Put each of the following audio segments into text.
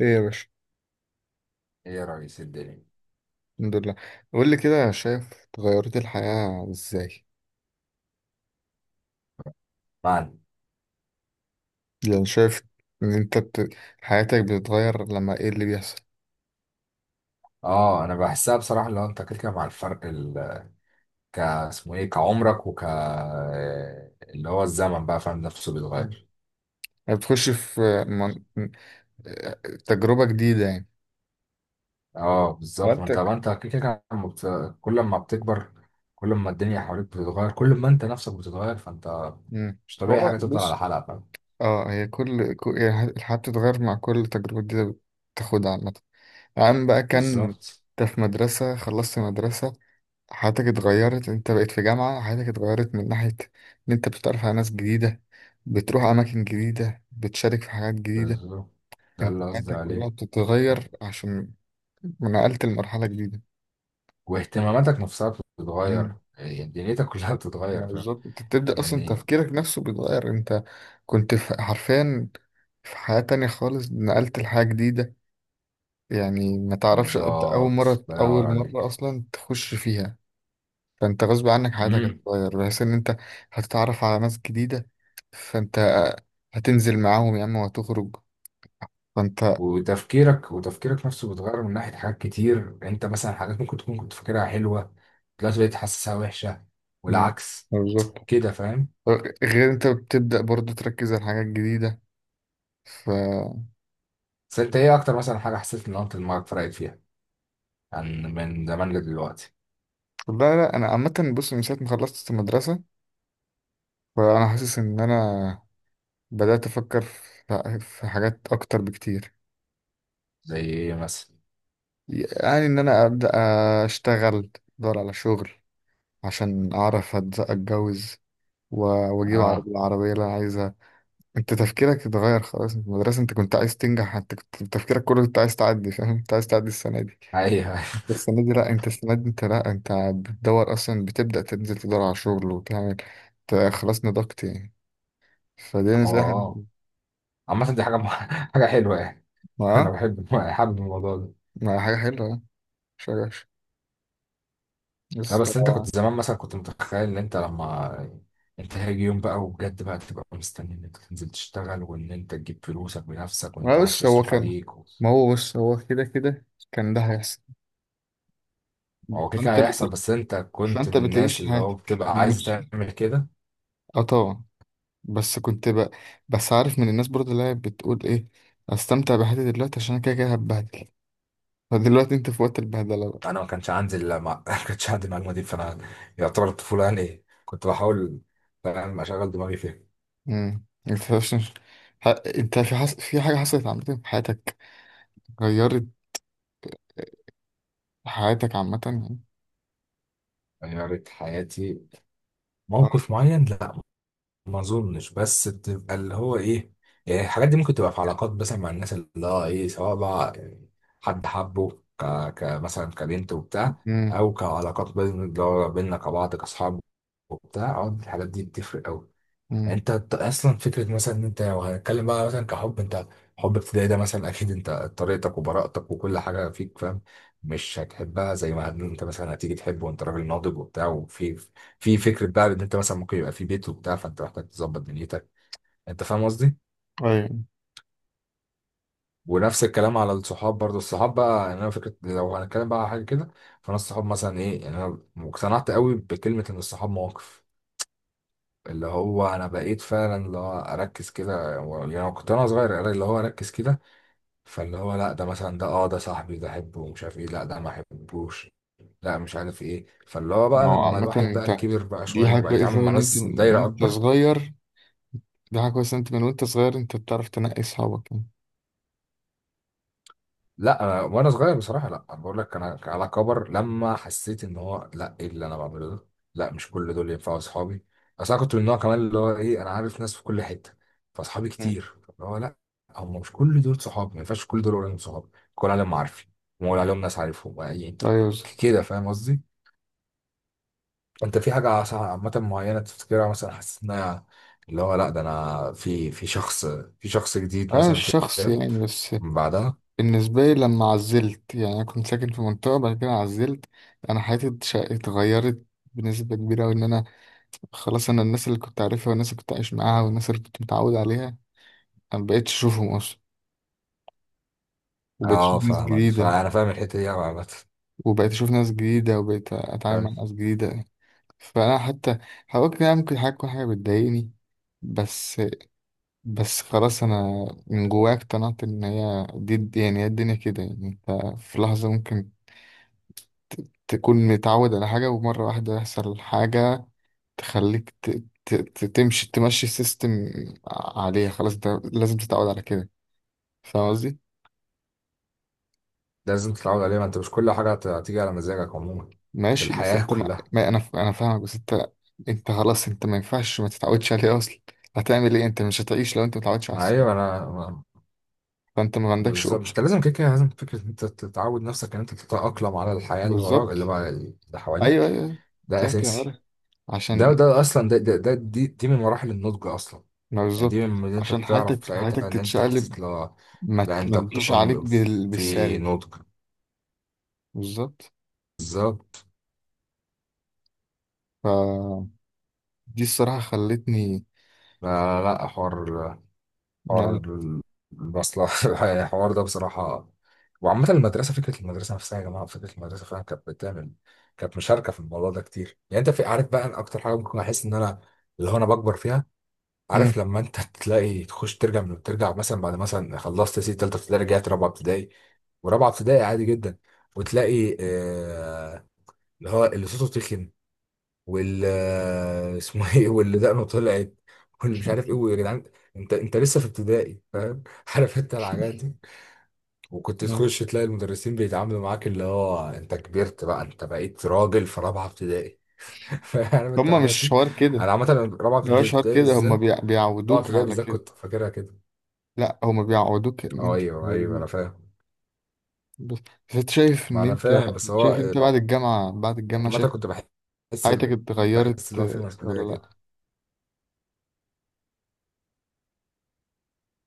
ايه يا باشا. ايه يا ريس الدنيا. الحمد لله. قول لي كده، شايف تغيرت الحياة ازاي؟ بعد، يعني شايف ان انت بت... حياتك بتتغير لما ايه اللي بيحصل؟ اه انا بحسها بصراحه، اللي هو انت كده كده مع الفرق اسمه ايه كعمرك اللي هو الزمن بقى فاهم نفسه مم. بيتغير. يعني بتخش في من... تجربة جديدة، يعني اه بالظبط، ما انت حياتك. ما انت كده كده لما كل ما بتكبر، كل ما الدنيا حواليك بتتغير، كل ما انت نفسك بتتغير، فانت مم. مش طبيعي هو حاجه تفضل على بص، حالها، فاهم؟ اه هي هي الحياة بتتغير مع كل تجربة جديدة بتاخدها، عامة. عم بقى كان. بالظبط انت في مدرسة، خلصت مدرسة، حياتك اتغيرت، انت بقيت في جامعة، حياتك اتغيرت من ناحية ان انت بتتعرف على ناس جديدة، بتروح اماكن جديدة، بتشارك في حاجات جديدة. بالظبط ده انت اللي قصدي حياتك كلها عليه. بتتغير عشان نقلت لمرحلة جديدة. واهتماماتك نفسها بتتغير، امم. يعني دنيتك كلها ما بتتغير، فاهم؟ بالظبط، انت بتبدأ اصلا يعني تفكيرك نفسه بيتغير، انت كنت حرفيا في حياة تانية خالص، نقلت لحاجة جديدة. يعني ما تعرفش، انت اول بالظبط مرة الله ينور اول مرة عليك. اصلا تخش فيها. فانت غصب عنك حياتك امم هتتغير بحيث ان انت هتتعرف على ناس جديدة، فانت هتنزل معاهم يا عم وهتخرج، فانت. وتفكيرك نفسه بيتغير من ناحية حاجات كتير. انت مثلا حاجات ممكن تكون كنت فاكرها حلوة، دلوقتي بقيت حاسسها وحشة، مم. والعكس بالظبط. كده، فاهم؟ غير انت بتبدأ برضو تركز على حاجات جديدة ف بس انت ايه اكتر مثلا حاجة حسيت ان انت دماغك فرقت فيها عن من زمان لدلوقتي؟ لا، لا، انا عامة، بص من ساعة ما خلصت المدرسة، فانا حاسس ان انا بدأت افكر في حاجات اكتر بكتير. زي ايه مثلا؟ يعني ان انا ابدأ اشتغل، ادور على شغل عشان اعرف اتجوز و- واجيب اه العربية اللي انا عايزها. انت تفكيرك اتغير خلاص. في المدرسة، انت كنت عايز تنجح، انت كنت تفكيرك كله انت عايز تعدي، فاهم؟ انت عايز تعدي السنة دي. ايوه. انت السنة دي انت لا انت بتدور اصلا، بتبدأ تنزل تدور على شغل وتعمل. انت خلاص نضجت يعني، فدي هو نزاهة. اه، عامة دي حاجة حاجة حلوة يعني، ما انا حابب الموضوع ده. ما حاجة حلوة، اه. مش وحش. لا بس بس انت طبعا. كنت زمان مثلا كنت متخيل ان انت لما انت هيجي يوم بقى وبجد بقى تبقى مستني ان انت تنزل تشتغل، وان انت تجيب فلوسك بنفسك، وان انت ما محدش بص هو يصرف كان عليك ما هو بص، هو كده كده كان ده هيحصل. هو كده كده فانت هيحصل، بت... بس انت كنت فانت من الناس بتعيش اللي هو حياتك بتبقى عايز تعمل كده. اه طبعا. بس كنت ب... بس عارف من الناس برضه اللي هي بتقول ايه، استمتع بحياتي دلوقتي عشان أنا كده كده هتبهدل. فدلوقتي انت في وقت البهدله بقى. انا ما كانش عندي، لا ما ما كانش عندي المعلومه دي، فانا يعتبر الطفوله، يعني ايه، كنت بحاول، فاهم، اشغل دماغي فيها. انت ح... انت في في حاجه حصلت عامه في حياتك، غيرت حياتك عامه يعني؟ غيرت حياتي؟ موقف معين؟ لا، ما اظنش، بس تبقى اللي هو ايه، يعني الحاجات دي ممكن تبقى في علاقات مثلا مع الناس، اللي هو ايه، سواء بقى يعني حد حبه كمثلا كبنت وبتاع، امم، او كعلاقات بين اللي هو بيننا كبعض كاصحاب وبتاع. أعتقد الحاجات دي بتفرق قوي. امم. انت اصلا فكره مثلا ان انت لو هنتكلم بقى مثلا كحب، انت حب ابتدائي ده مثلا اكيد انت طريقتك وبراءتك وكل حاجه فيك، فاهم، مش هتحبها زي ما انت مثلا هتيجي تحبه وانت راجل ناضج وبتاع، وفي فكره بقى ان انت مثلا ممكن يبقى في بيت وبتاع، فانت محتاج تظبط دنيتك. انت فاهم قصدي؟ ايوه، ونفس الكلام على الصحاب برضو. الصحاب بقى يعني انا فكره لو هنتكلم بقى على حاجه كده، فانا الصحاب مثلا ايه، يعني انا اقتنعت قوي بكلمه ان الصحاب مواقف. اللي هو انا بقيت فعلا اللي هو اركز كده يعني أنا كنت انا صغير اللي هو اركز كده، فاللي هو لا ده مثلا، ده اه ده صاحبي ده احبه ومش عارف ايه، لا ده ما احبوش، لا مش عارف ايه. فاللي هو بقى ما هو لما عامه، الواحد بقى انت، كبر بقى دي شويه، حاجه وبقى يتعامل كويسه أوي مع ان انت ناس من دايره وانت اكبر. صغير، دي حاجه كويسه ان انت من وانت صغير، انت بتعرف تنقي اصحابك يعني. لا أنا وانا صغير بصراحه، لا انا بقول لك انا على كبر لما حسيت ان هو لا ايه اللي انا بعمله ده؟ لا مش كل دول ينفعوا اصحابي. اصل انا كنت من النوع كمان اللي هو ايه انا عارف ناس في كل حته، فاصحابي مم. كتير اللي هو لا، هم مش كل دول صحابي، ما ينفعش كل دول اقول عليهم صحابي، كل عليهم معارفي، وأقول عليهم ناس عارفهم يعني. ايوه، بالظبط. كده فاهم قصدي؟ انت في حاجه عامه معينه تفتكرها مثلا حسيت انها اللي هو لا ده انا في شخص، في شخص جديد انا مش مثلا في شخص يعني، بس. بعدها؟ بالنسبة لي، لما عزلت، يعني أنا كنت ساكن في منطقة، بعد كده عزلت، أنا حياتي اتغيرت بنسبة كبيرة أوي إن أنا، خلاص، أنا الناس اللي كنت عارفها، والناس اللي كنت عايش معاها، والناس اللي كنت متعود عليها، أنا مبقتش أشوفهم أصلا، وبقيت اه أشوف ناس فاهمك، جديدة. فانا فاهم الحته دي أوي عامه، وبقيت أتعامل مع فاهم. ناس جديدة. فأنا حتى هقول كده، ممكن حاجة تكون، حاجة بتضايقني. بس بس خلاص، أنا من جوايا اقتنعت إن هي دي، يعني هي الدنيا كده يعني، أنت في لحظة ممكن تكون متعود على حاجة، ومرة واحدة يحصل حاجة تخليك تمشي سيستم عليها. خلاص ده لازم تتعود على كده، فاهم قصدي؟ لازم تتعود عليها، ما انت مش كل حاجه هتيجي على مزاجك عموما في ماشي. بس الحياه انت ما... كلها. ما انا فاهمك، بس انت. انت خلاص، انت ما ينفعش ما تتعودش عليه اصلا، هتعمل ايه؟ انت مش هتعيش لو انت ما اتعودتش على السيستم. ايوه، انا. فانت ما عندكش بالظبط، اوبشن. انت لازم كده كده، لازم فكره إن انت تتعود نفسك ان انت تتاقلم على الحياه اللي وراك، اللي بالظبط. بقى اللي حواليك. ايوه، ايوه، ايوه. انت ده انت عارف اساسي. ده عشان، ده اصلا، دي من مراحل النضج اصلا. ما يعني بالظبط، دي من اللي انت عشان بتعرف حياتك ساعتها ان انت تتشقلب، حسيت، لا، لا ما انت تجيش عليك بتنضج، في بالسالب. نضج. بالظبط. بالظبط. دي الصراحة خلتني لا، لا لا، حوار ما- المصلحة. الحوار ده بصراحة، وعامة المدرسة، فكرة المدرسة نفسها يا جماعة، فكرة المدرسة فعلا كانت بتعمل، كانت مشاركة في الموضوع ده كتير. يعني أنت في، عارف بقى، أنا أكتر حاجة ممكن أحس إن أنا اللي هو أنا بكبر فيها، عارف، مم. لما أنت تلاقي تخش ترجع من ترجع مثلا بعد، مثلا خلصت سي تالتة ابتدائي رجعت رابعة ابتدائي، ورابعة ابتدائي عادي جدا، وتلاقي آه، اللي هو اللي صوته تخن، وال اسمه ايه، واللي دقنه طلعت، واللي مش عارف ايه، ويا جدعان انت انت لسه في ابتدائي، فاهم عارف انت الحاجات دي. وكنت مم. تخش تلاقي المدرسين بيتعاملوا معاك اللي هو انت كبرت بقى، انت بقيت راجل في رابعه ابتدائي. فاهم انت هما الحاجات مش دي؟ حوار كده، انا عامه رابعه ده مش حوار ابتدائي كده، هما بالذات، رابعه بيعودوك ابتدائي على بالذات كده. كنت فاكرها كده. لا، هما بيعودوك ان اه انت ايوه تبقى ايوه، انا جديد. فاهم. بس بس انت شايف ما ان انا انت، فاهم، بس هو شايف انت بعد الجامعة، عامه شايف إن كنت بحس حياتك اتغيرت، بحس اللي هو في آه، ولا مسؤوليه كده. لا؟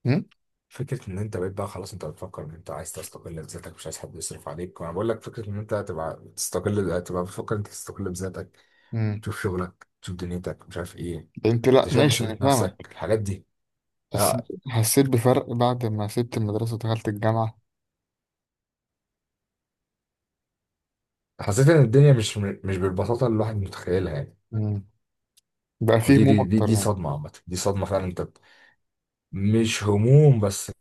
مم؟ فكرة إن أنت بقيت بقى خلاص أنت بتفكر إن أنت عايز تستقل بذاتك، مش عايز حد يصرف عليك. وأنا بقول لك، فكرة إن أنت تبقى تستقل، تبقى بتفكر إن أنت تستقل بذاتك، مم. تشوف شغلك، تشوف دنيتك، مش عارف إيه. ده انت لا، أنت شايل ماشي، انا مسؤولية فاهمك، نفسك، الحاجات دي. بس آه، حسيت بفرق بعد ما سبت المدرسة ودخلت الجامعة. حسيت إن الدنيا مش بالبساطة اللي الواحد متخيلها يعني. مم. بقى فيه ودي دي هموم دي, اكتر دي يعني. صدمة عامة، دي صدمة فعلا. أنت مش هموم بس،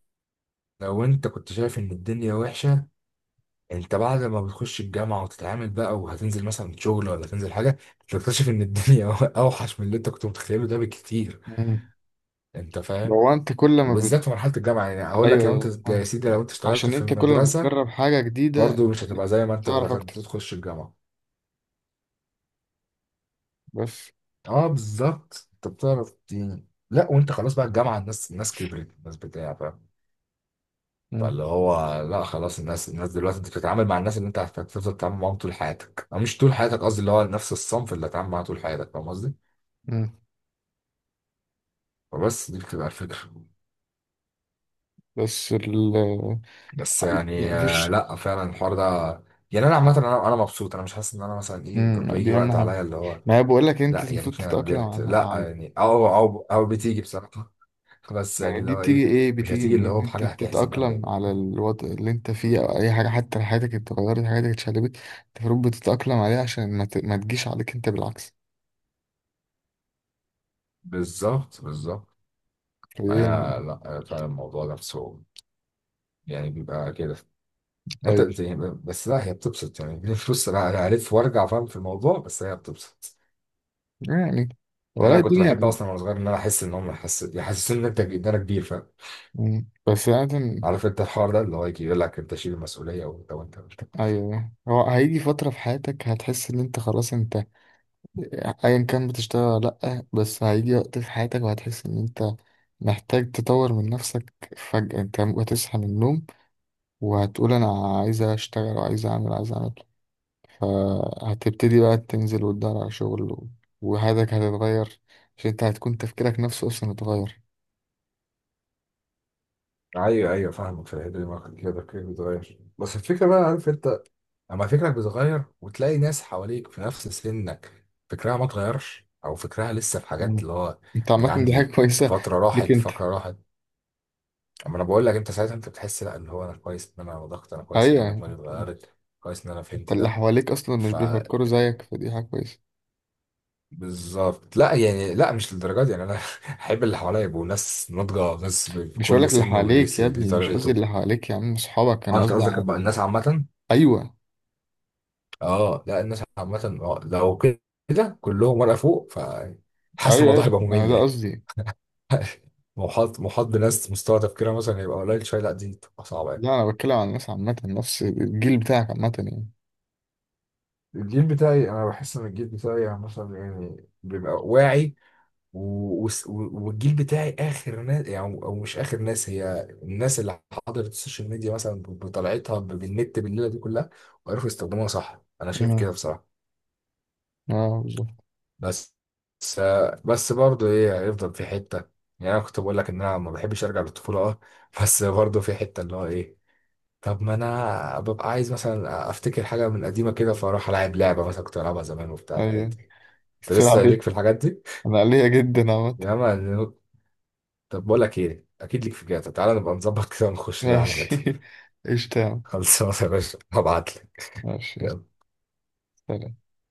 لو أنت كنت شايف إن الدنيا وحشة، انت بعد ما بتخش الجامعه وتتعامل بقى، وهتنزل مثلا شغل ولا تنزل حاجه، تكتشف ان الدنيا اوحش من اللي انت كنت متخيله ده بكتير. مم. انت فاهم؟ لو انت كل ما. وبالذات في مرحله الجامعه، يعني اقول لك، ايوه، لو انت ايوه، يا آه. سيدي لو انت اشتغلت عشان في انت كل ما المدرسه بتجرب حاجة جديدة، برضه مش هتبقى زي ما انت تعرف دخلت اكتر، تخش الجامعه. بس. اه بالظبط، انت بتعرف يعني، لا وانت خلاص بقى الجامعه، الناس الناس كبرت، الناس بتاع، فاهم، مم. فاللي هو لا خلاص الناس دلوقتي انت بتتعامل مع الناس اللي انت هتفضل تتعامل معاهم طول حياتك، او مش طول حياتك قصدي، اللي هو نفس الصنف اللي هتتعامل معاه طول حياتك. فاهم قصدي؟ مم. بس دي بتبقى الفكرة. بس بس يعني يعني آه، مفيش. لا فعلا الحوار ده، يعني انا عامة انا انا مبسوط، انا مش حاسس ان انا مثلا ايه مم. بيجي دي اهم وقت حاجة. عليا اللي هو ما هي، بقول لك انت لا يا المفروض ريتني انا تتأقلم كبرت، على لا على يعني، او بتيجي بصراحة بس يعني يعني اللي دي هو بتيجي ايه، ايه، مش بتيجي هتيجي من إيه؟ اللي ان هو انت بحاجة هتحزن قوي بتتأقلم يعني. على الوضع اللي انت فيه، او اي حاجة، حتى لو حياتك اتغيرت، حياتك اتشقلبت، انت المفروض بتتأقلم عليها، عشان ما تجيش عليك انت، بالعكس. بالظبط بالظبط. آه فدي- لا آه، فعلا الموضوع نفسه يعني بيبقى كده. انت طيب. انت يعني بس، لا هي بتبسط يعني دي فلوس. انا هلف وارجع، فاهم، في الموضوع، بس هي بتبسط. يعني يعني والله، انا كنت الدنيا. بحب اصلا وانا صغير ان انا احس ان هم يحسسوني ان انت، ان انا كبير. مم. بس يعني، عارف انت الحوار ده اللي هو يجي يقول لك انت شيل المسؤوليه، ولو انت قلت ايوه، هو هيجي فترة في حياتك هتحس ان انت خلاص، انت ايا كان بتشتغل ولا لأ، بس هيجي وقت في حياتك وهتحس ان انت محتاج تطور من نفسك فجأة. انت هتصحى من النوم، وهتقول انا عايز اشتغل وعايز اعمل، عايز اعمل. فهتبتدي بقى تنزل وتدور على شغل وحياتك هتتغير. عشان انت هتكون تفكيرك نفسه اصلا اتغير. ايوه ايوه، فاهمك في الحته دي، ما كنت كده كده بتغير. بس الفكره بقى عارف انت، اما فكرك بيتغير وتلاقي ناس حواليك في نفس سنك فكرها ما اتغيرش، او فكرها لسه في حاجات مم. اللي هو انت، يا عامة جدعان دي حاجة دي كويسة فتره ليك راحت، انت. فكره راحت. اما انا بقول لك، انت ساعتها انت بتحس، لا اللي هو انا كويس ان انا ضغط، انا كويس ان انا ايوه. دماغي اتغيرت، كويس ان انا انت فهمت اللي ده. حواليك اصلا مش ف، بيفكروا زيك، فدي حاجة كويسة. بالظبط. لا يعني لا مش للدرجه دي يعني، انا احب اللي حواليا يبقوا ناس ناضجه، ناس مش هقول بكل لك اللي سن واللي حواليك يا ليه ابني، مش قصدي طريقته. اللي حواليك يا عم اصحابك، اه انا انت قصدي قصدك بقى على، الناس عامه؟ ايوه، اه لا الناس عامه، اه لو كده كلهم ورقه فوق، فحاسس ايوه، ايوه، الموضوع هيبقى انا ممل ده يعني. قصدي. محاط، محاط بناس مستوى تفكيرها مثلا هيبقى قليل شويه، لا دي تبقى صعبه يعني. لا، انا بتكلم عن الناس عامة، نفس الجيل بتاعك عامة يعني. الجيل بتاعي، انا بحس ان الجيل بتاعي يعني مثلا يعني بيبقى واعي، والجيل بتاعي اخر ناس، يعني او مش اخر ناس، هي الناس اللي حضرت السوشيال ميديا مثلا، بطلعتها بالنت، بالليله دي كلها، وعرفوا يستخدموها صح، انا شايف مم. كده بصراحه. اه، بالظبط. بس بس بس برضه ايه، هيفضل في حته، يعني انا كنت بقول لك ان انا ما بحبش ارجع للطفوله، اه، بس برضه في حته اللي هو ايه، طب ما انا ببقى عايز مثلا افتكر حاجه من قديمه كده، فاروح العب لعبه مثلا كنت بلعبها زمان وبتاع الحاجات ايوه. دي. انت لسه تلعب ايه؟ ليك في الحاجات دي؟ انا قلية جدا عامة. يا عم طب بقول لك ايه، اكيد ليك في جاتا، تعالى نبقى نظبط كده ونخش نلعب جاتا. ماشي. ايش. تمام. خلصانه يا باشا، هبعت ماشي يلا. لك. سلام.